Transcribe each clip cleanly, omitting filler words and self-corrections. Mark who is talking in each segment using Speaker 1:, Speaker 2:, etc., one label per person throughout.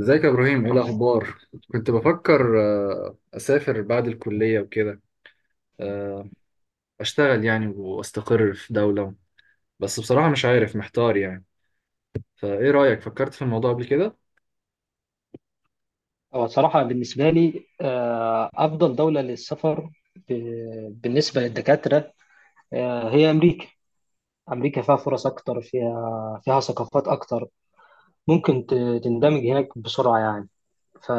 Speaker 1: ازيك يا ابراهيم؟ ايه الاخبار؟ كنت بفكر اسافر بعد الكليه وكده. آه، اشتغل يعني واستقر في دوله. بس بصراحه مش عارف، محتار يعني. فايه رايك؟ فكرت في الموضوع قبل كده؟
Speaker 2: هو صراحة بالنسبة لي أفضل دولة للسفر بالنسبة للدكاترة هي أمريكا. أمريكا فيها فرص أكتر، فيها ثقافات أكتر. ممكن تندمج هناك بسرعة يعني. ف...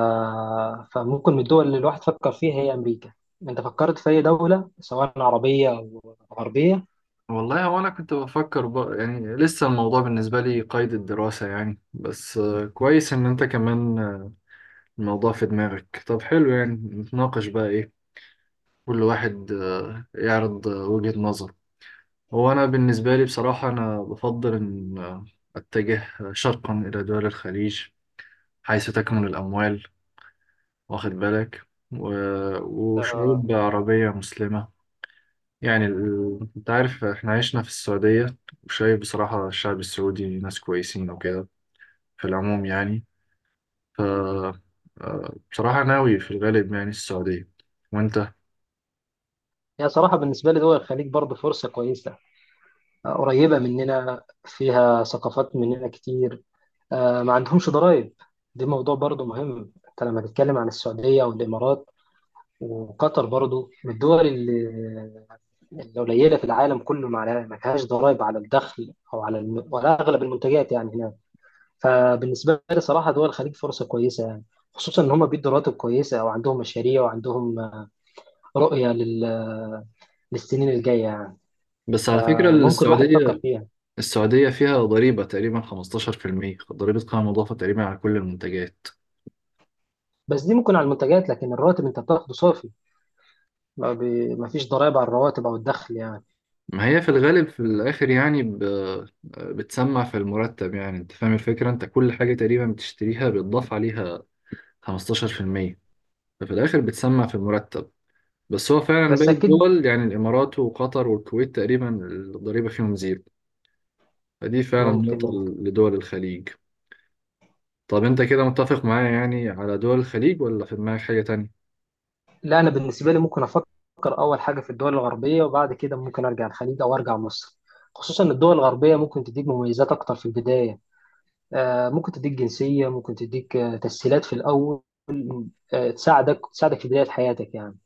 Speaker 2: فممكن من الدول اللي الواحد فكر فيها هي أمريكا. أنت فكرت في أي دولة سواء عربية أو غربية؟
Speaker 1: والله، هو انا كنت بفكر يعني لسه الموضوع بالنسبه لي قيد الدراسه يعني. بس كويس ان انت كمان الموضوع في دماغك. طب حلو، يعني نتناقش بقى ايه. كل واحد يعرض وجهة نظر. هو أنا بالنسبة لي بصراحة أنا بفضل إن أتجه شرقا إلى دول الخليج، حيث تكمن الأموال، واخد بالك؟ و...
Speaker 2: آه،
Speaker 1: وشعوب عربية مسلمة. يعني أنت عارف إحنا عشنا في السعودية، وشايف بصراحة الشعب السعودي ناس كويسين وكده في العموم يعني. ف آه، بصراحة ناوي في الغالب يعني السعودية. وأنت؟
Speaker 2: هي صراحة بالنسبة لي دول الخليج برضه فرصة كويسة. قريبة مننا، فيها ثقافات مننا كتير. ما عندهمش ضرائب. دي موضوع برضو مهم، انت لما تتكلم عن السعودية والإمارات وقطر برضو من الدول اللي قليلة في العالم كله، ما فيهاش ضرائب على الدخل أو على ولا أغلب المنتجات يعني هناك. فبالنسبة لي صراحة دول الخليج فرصة كويسة يعني، خصوصا إن هم بيدوا رواتب كويسة وعندهم مشاريع وعندهم رؤية للسنين الجاية يعني.
Speaker 1: بس على فكرة
Speaker 2: فممكن الواحد يفكر
Speaker 1: السعودية
Speaker 2: فيها.
Speaker 1: السعودية فيها ضريبة تقريبا 15% ضريبة قيمة مضافة تقريبا على كل المنتجات.
Speaker 2: بس دي ممكن على المنتجات، لكن الراتب أنت بتاخده صافي. ما فيش ضرائب على الرواتب أو الدخل يعني.
Speaker 1: ما هي في الغالب في الآخر يعني بتسمع في المرتب. يعني أنت فاهم الفكرة، أنت كل حاجة تقريبا بتشتريها بيتضاف عليها 15%. ففي الآخر بتسمع في المرتب. بس هو فعلا
Speaker 2: بس
Speaker 1: باقي
Speaker 2: أكيد.
Speaker 1: الدول، يعني الإمارات وقطر والكويت، تقريبا الضريبة فيهم زيرو. فدي فعلا
Speaker 2: ممكن
Speaker 1: نقطة
Speaker 2: ممكن
Speaker 1: لدول الخليج. طب أنت كده متفق معايا يعني على دول الخليج، ولا في دماغك حاجة تانية؟
Speaker 2: لا، انا بالنسبه لي ممكن افكر اول حاجه في الدول الغربيه، وبعد كده ممكن ارجع الخليج او ارجع مصر. خصوصا ان الدول الغربيه ممكن تديك مميزات اكتر في البدايه. ممكن تديك جنسيه، ممكن تديك تسهيلات في الاول. تساعدك في بدايه حياتك يعني،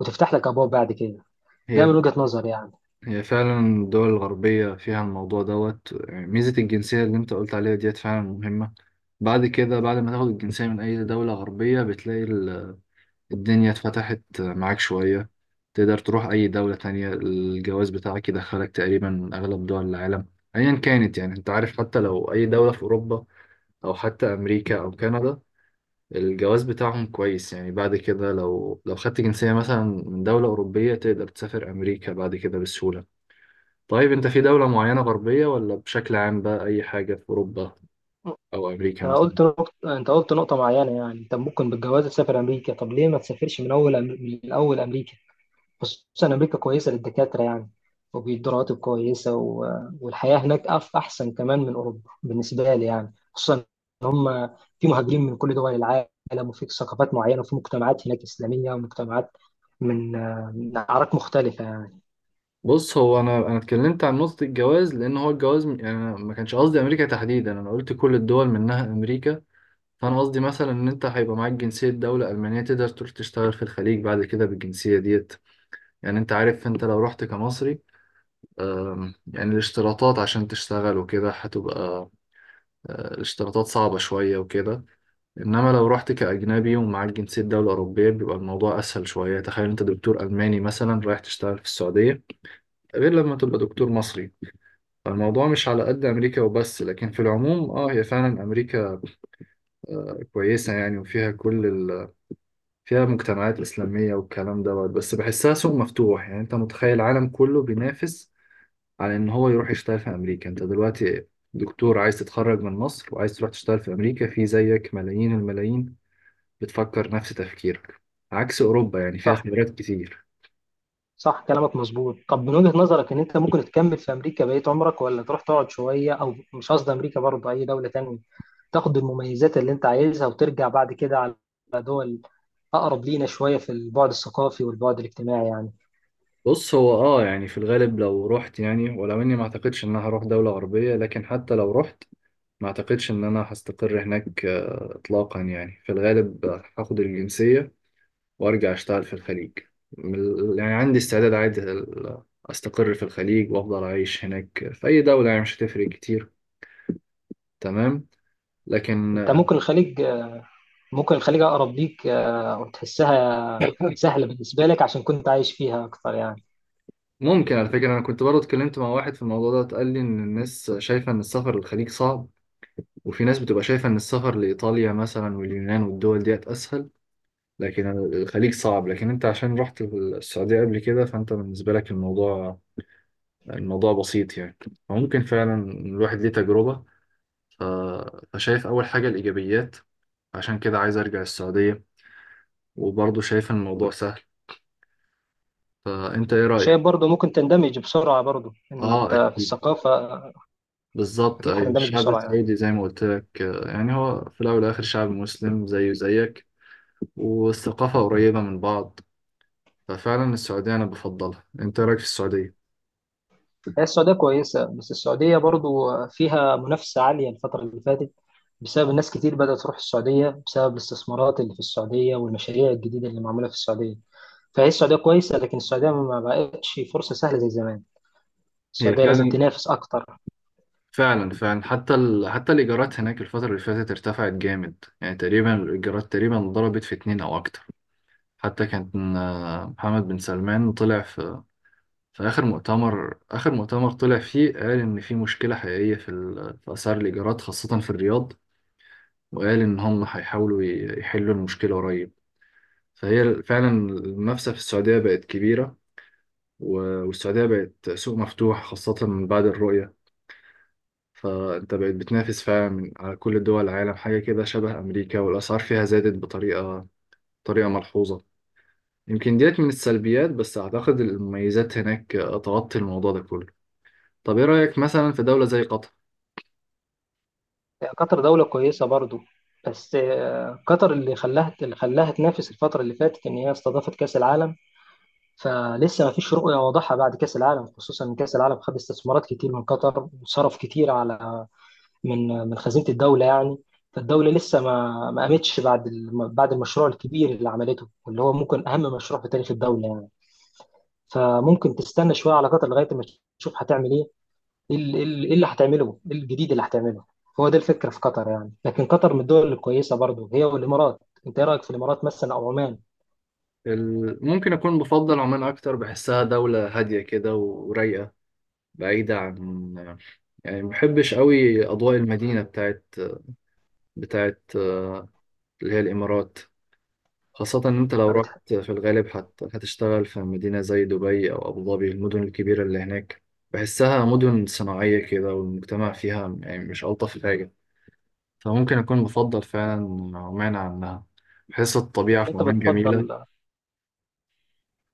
Speaker 2: وتفتح لك ابواب بعد كده. ده
Speaker 1: هي
Speaker 2: من وجهه نظري يعني.
Speaker 1: هي فعلا الدول الغربية فيها الموضوع دوت، يعني ميزة الجنسية اللي انت قلت عليها ديت فعلا مهمة. بعد كده، بعد ما تاخد الجنسية من أي دولة غربية، بتلاقي الدنيا اتفتحت معاك شوية. تقدر تروح أي دولة تانية. الجواز بتاعك يدخلك تقريبا أغلب دول العالم أيا كانت، يعني انت عارف، حتى لو أي دولة في أوروبا أو حتى أمريكا أو كندا. الجواز بتاعهم كويس، يعني بعد كده لو خدت جنسية مثلا من دولة أوروبية تقدر تسافر أمريكا بعد كده بسهولة. طيب انت في دولة معينة غربية، ولا بشكل عام بقى اي حاجة في اوروبا او امريكا
Speaker 2: انت
Speaker 1: مثلا؟
Speaker 2: قلت نقطة، انت قلت نقطه معينه يعني انت ممكن بالجواز تسافر امريكا، طب ليه ما تسافرش من اول من الاول امريكا؟ خصوصا أمريكا كويسة للدكاترة يعني، وبيدوا رواتب كويسة والحياة هناك أحسن كمان من أوروبا بالنسبة لي يعني، خصوصا إن هم في مهاجرين من كل دول العالم، وفي ثقافات معينة، وفي مجتمعات هناك إسلامية ومجتمعات من من أعراق مختلفة يعني.
Speaker 1: بص، هو انا اتكلمت عن نقطة الجواز، لان هو الجواز يعني أنا ما كانش قصدي امريكا تحديدا، انا قلت كل الدول منها امريكا. فانا قصدي مثلا ان انت هيبقى معاك جنسية دولة المانية، تقدر تروح تشتغل في الخليج بعد كده بالجنسية ديت. يعني انت عارف، انت لو رحت كمصري، يعني الاشتراطات عشان تشتغل وكده هتبقى الاشتراطات صعبة شوية وكده. انما لو رحت كاجنبي ومعاك جنسيه دوله اوروبيه بيبقى الموضوع اسهل شويه. تخيل انت دكتور الماني مثلا رايح تشتغل في السعوديه، غير لما تبقى دكتور مصري. فالموضوع مش على قد امريكا وبس، لكن في العموم هي فعلا امريكا كويسه يعني، وفيها كل فيها مجتمعات اسلاميه والكلام دوت. بس بحسها سوق مفتوح، يعني انت متخيل العالم كله بينافس على ان هو يروح يشتغل في امريكا. انت دلوقتي دكتور عايز تتخرج من مصر وعايز تروح تشتغل في امريكا، في زيك ملايين الملايين بتفكر نفس تفكيرك. عكس أوروبا، يعني فيها
Speaker 2: صح.
Speaker 1: خبرات كتير.
Speaker 2: صح كلامك مظبوط. طب من وجهة نظرك إن أنت ممكن تكمل في أمريكا بقية عمرك، ولا تروح تقعد شوية؟ أو مش قصدي أمريكا، برضه أي دولة تانية، تاخد المميزات اللي أنت عايزها وترجع بعد كده على دول اقرب لينا شويه في البعد الثقافي والبعد الاجتماعي يعني.
Speaker 1: بص، هو يعني في الغالب لو رحت، يعني ولو اني ما اعتقدش ان انا هروح دولة غربية، لكن حتى لو رحت ما اعتقدش ان انا هستقر هناك اطلاقا، يعني في الغالب هاخد الجنسية وارجع اشتغل في الخليج. من يعني عندي استعداد عادي استقر في الخليج وافضل اعيش هناك في اي دولة، يعني مش هتفرق كتير. تمام. لكن
Speaker 2: انت ممكن الخليج، اقرب ليك وتحسها سهله بالنسبه لك عشان كنت عايش فيها اكتر يعني.
Speaker 1: ممكن. على فكرة، أنا كنت برضه اتكلمت مع واحد في الموضوع ده، قال لي إن الناس شايفة إن السفر للخليج صعب، وفي ناس بتبقى شايفة إن السفر لإيطاليا مثلا واليونان والدول ديت أسهل. لكن الخليج صعب، لكن أنت عشان رحت السعودية قبل كده فأنت بالنسبة لك الموضوع بسيط يعني. فممكن فعلا الواحد ليه تجربة. ف- فشايف أول حاجة الإيجابيات. عشان كده عايز أرجع السعودية، وبرضه شايف إن الموضوع سهل. فأنت إيه رأيك؟
Speaker 2: وشايف برضه ممكن تندمج بسرعه، برضه ان
Speaker 1: آه
Speaker 2: انت في
Speaker 1: أكيد.
Speaker 2: الثقافه
Speaker 1: بالظبط
Speaker 2: اكيد
Speaker 1: أيوة،
Speaker 2: هتندمج
Speaker 1: الشعب
Speaker 2: بسرعه يعني.
Speaker 1: السعودي زي ما قلت لك، يعني هو في الأول والآخر شعب مسلم زيه زيك. والثقافة قريبة من بعض. ففعلا السعودية أنا بفضلها. أنت رأيك في السعودية؟
Speaker 2: هي السعوديه كويسه، بس السعوديه برضه فيها منافسه عاليه الفتره اللي فاتت بسبب الناس كتير بدأت تروح السعودية بسبب الاستثمارات اللي في السعودية والمشاريع الجديدة اللي معمولة في السعودية. فهي السعودية كويسة، لكن السعودية ما بقتش فرصة سهلة زي زمان.
Speaker 1: هي
Speaker 2: السعودية لازم
Speaker 1: فعلا،
Speaker 2: تنافس أكتر.
Speaker 1: فعلا، فعلا، حتى الإيجارات هناك الفترة اللي فاتت ارتفعت جامد، يعني تقريبا الإيجارات تقريبا ضربت في اتنين أو أكتر. حتى كان محمد بن سلمان طلع في آخر مؤتمر طلع فيه، قال إن في مشكلة حقيقية في أسعار الإيجارات خاصة في الرياض. وقال إن هم هيحاولوا يحلوا المشكلة قريب. فهي فعلا المنافسة في السعودية بقت كبيرة، و- والسعودية بقت سوق مفتوح خاصة من بعد الرؤية. فأنت بقت بتنافس فعلا على كل دول العالم، حاجة كده شبه أمريكا. والأسعار فيها زادت بطريقة ملحوظة. يمكن ديت من السلبيات، بس أعتقد المميزات هناك تغطي الموضوع ده كله. طب إيه رأيك مثلا في دولة زي قطر؟
Speaker 2: قطر دولة كويسة برضو، بس قطر اللي خلاها تنافس الفترة اللي فاتت إن هي استضافت كأس العالم. فلسه ما فيش رؤية واضحة بعد كأس العالم، خصوصا إن كأس العالم خد استثمارات كتير من قطر وصرف كتير على من من خزينة الدولة يعني. فالدولة لسه ما قامتش بعد بعد المشروع الكبير اللي عملته، واللي هو ممكن أهم مشروع في تاريخ الدولة يعني. فممكن تستنى شوية على قطر لغاية ما تشوف هتعمل إيه. ايه ال- إيه ال- إيه اللي هتعمله، ايه الجديد اللي هتعمله. هو ده الفكره في قطر يعني، لكن قطر من الدول الكويسه برضو هي والامارات. انت ايه رايك في الامارات مثلا او عمان؟
Speaker 1: ممكن أكون بفضل عمان أكتر، بحسها دولة هادية كده ورايقة، بعيدة عن، يعني ما بحبش قوي اضواء المدينه بتاعت اللي هي الامارات. خاصه ان انت لو
Speaker 2: ما
Speaker 1: رحت
Speaker 2: بتح-
Speaker 1: في الغالب هتشتغل في مدينه زي دبي او ابو ظبي، المدن الكبيره اللي هناك. بحسها مدن صناعيه كده، والمجتمع فيها يعني مش الطف حاجه. فممكن اكون بفضل فعلا عمان عنها. بحس الطبيعه
Speaker 2: يعني
Speaker 1: في
Speaker 2: انت
Speaker 1: عمان
Speaker 2: بتفضل،
Speaker 1: جميله.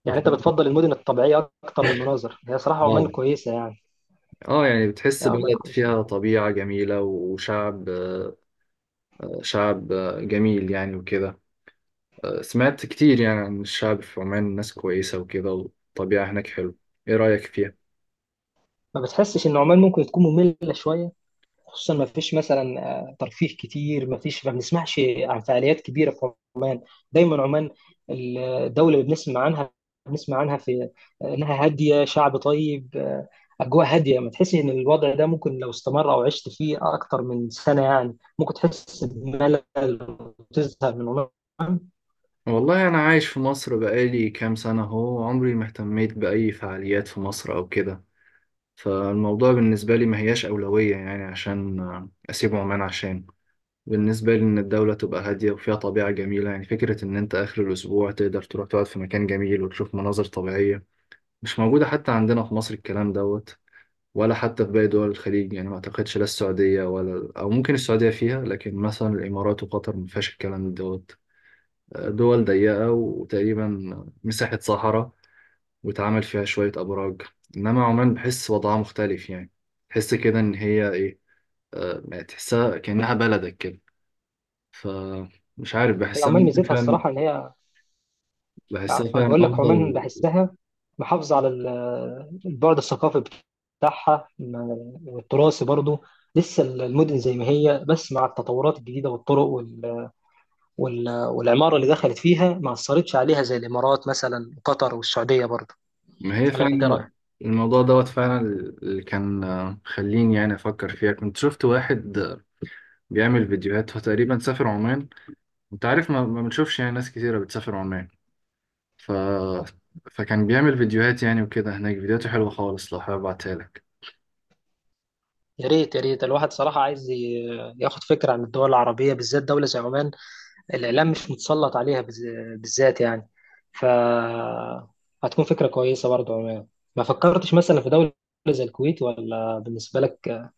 Speaker 1: بفضل.
Speaker 2: المدن الطبيعيه اكتر والمناظر. هي صراحه
Speaker 1: اه
Speaker 2: عمان كويسه يعني،
Speaker 1: اه يعني بتحس
Speaker 2: عمان
Speaker 1: بلد
Speaker 2: كويسه
Speaker 1: فيها
Speaker 2: يعني.
Speaker 1: طبيعه جميله وشعب، شعب جميل يعني وكده. سمعت كتير يعني عن الشعب في عمان ناس كويسة وكده، والطبيعة هناك حلوة. إيه رأيك فيها؟
Speaker 2: ما بتحسش ان عمان ممكن تكون ممله شويه؟ خصوصا ما فيش مثلا ترفيه كتير، ما فيش، ما بنسمعش عن فعاليات كبيره في عمان. الدولة اللي بنسمع عنها، بنسمع عنها في إنها هادية، شعب طيب، أجواء هادية. ما تحسي إن الوضع ده ممكن لو استمر أو عشت فيه أكتر من سنة يعني ممكن تحس بملل وتزهق من عمان؟
Speaker 1: والله أنا عايش في مصر بقالي كام سنة أهو، عمري ما اهتميت بأي فعاليات في مصر أو كده. فالموضوع بالنسبة لي ما هياش أولوية، يعني عشان أسيب عمان. عشان بالنسبة لي إن الدولة تبقى هادية وفيها طبيعة جميلة، يعني فكرة إن أنت آخر الأسبوع تقدر تروح تقعد في مكان جميل وتشوف مناظر طبيعية مش موجودة حتى عندنا في مصر الكلام دوت، ولا حتى في باقي دول الخليج، يعني ما اعتقدش، لا السعودية ولا، او ممكن السعودية فيها، لكن مثلا الامارات وقطر ما فيهاش الكلام دوت. دول ضيقة وتقريبا مساحة صحراء، واتعمل فيها شوية ابراج. انما عمان بحس وضعها مختلف يعني، تحس كده ان هي ايه، يعني تحسها كأنها بلدك كده. فمش عارف،
Speaker 2: هي
Speaker 1: بحسها
Speaker 2: عمان
Speaker 1: ممكن
Speaker 2: ميزتها
Speaker 1: فعلا،
Speaker 2: الصراحة إن هي، يعني
Speaker 1: بحسها
Speaker 2: أنا
Speaker 1: فعلا
Speaker 2: بقول لك عمان
Speaker 1: افضل.
Speaker 2: بحسها محافظة على البعد الثقافي بتاعها والتراثي برضه. لسه المدن زي ما هي، بس مع التطورات الجديدة والطرق والعمارة اللي دخلت فيها ما أثرتش عليها زي الإمارات مثلا وقطر والسعودية برضه.
Speaker 1: ما هي
Speaker 2: ولا أنت إيه
Speaker 1: فعلا،
Speaker 2: رأيك؟
Speaker 1: الموضوع دوت فعلا، اللي كان خليني يعني افكر فيها، كنت شفت واحد بيعمل فيديوهات فتقريبا سافر عمان. انت عارف، ما بنشوفش يعني ناس كتيرة بتسافر عمان. ف... فكان بيعمل فيديوهات يعني وكده هناك، فيديوهاته حلوة خالص، لو حابب ابعتها لك.
Speaker 2: يا ريت، يا ريت. الواحد صراحة عايز ياخد فكرة عن الدول العربية، بالذات دولة زي عمان. الإعلام مش متسلط عليها بالذات يعني. ف هتكون فكرة كويسة برضه عمان. ما فكرتش مثلا في دولة زي الكويت؟ ولا بالنسبة لك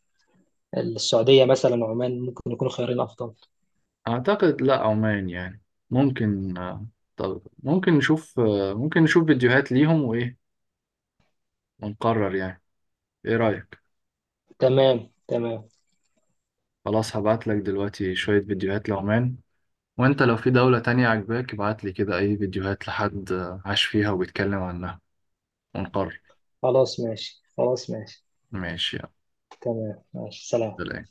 Speaker 2: السعودية مثلا وعمان ممكن يكونوا خيارين أفضل؟
Speaker 1: اعتقد لا، عمان يعني، ممكن طب ممكن نشوف فيديوهات ليهم وايه، ونقرر يعني. ايه رأيك؟
Speaker 2: تمام.
Speaker 1: خلاص، هبعت لك دلوقتي شوية فيديوهات لعمان. وانت لو في دولة تانية عجباك، ابعت لي كده اي فيديوهات لحد عاش فيها وبيتكلم عنها، ونقرر.
Speaker 2: خلاص ماشي.
Speaker 1: ماشي، يلا،
Speaker 2: تمام ماشي، سلام.
Speaker 1: سلام.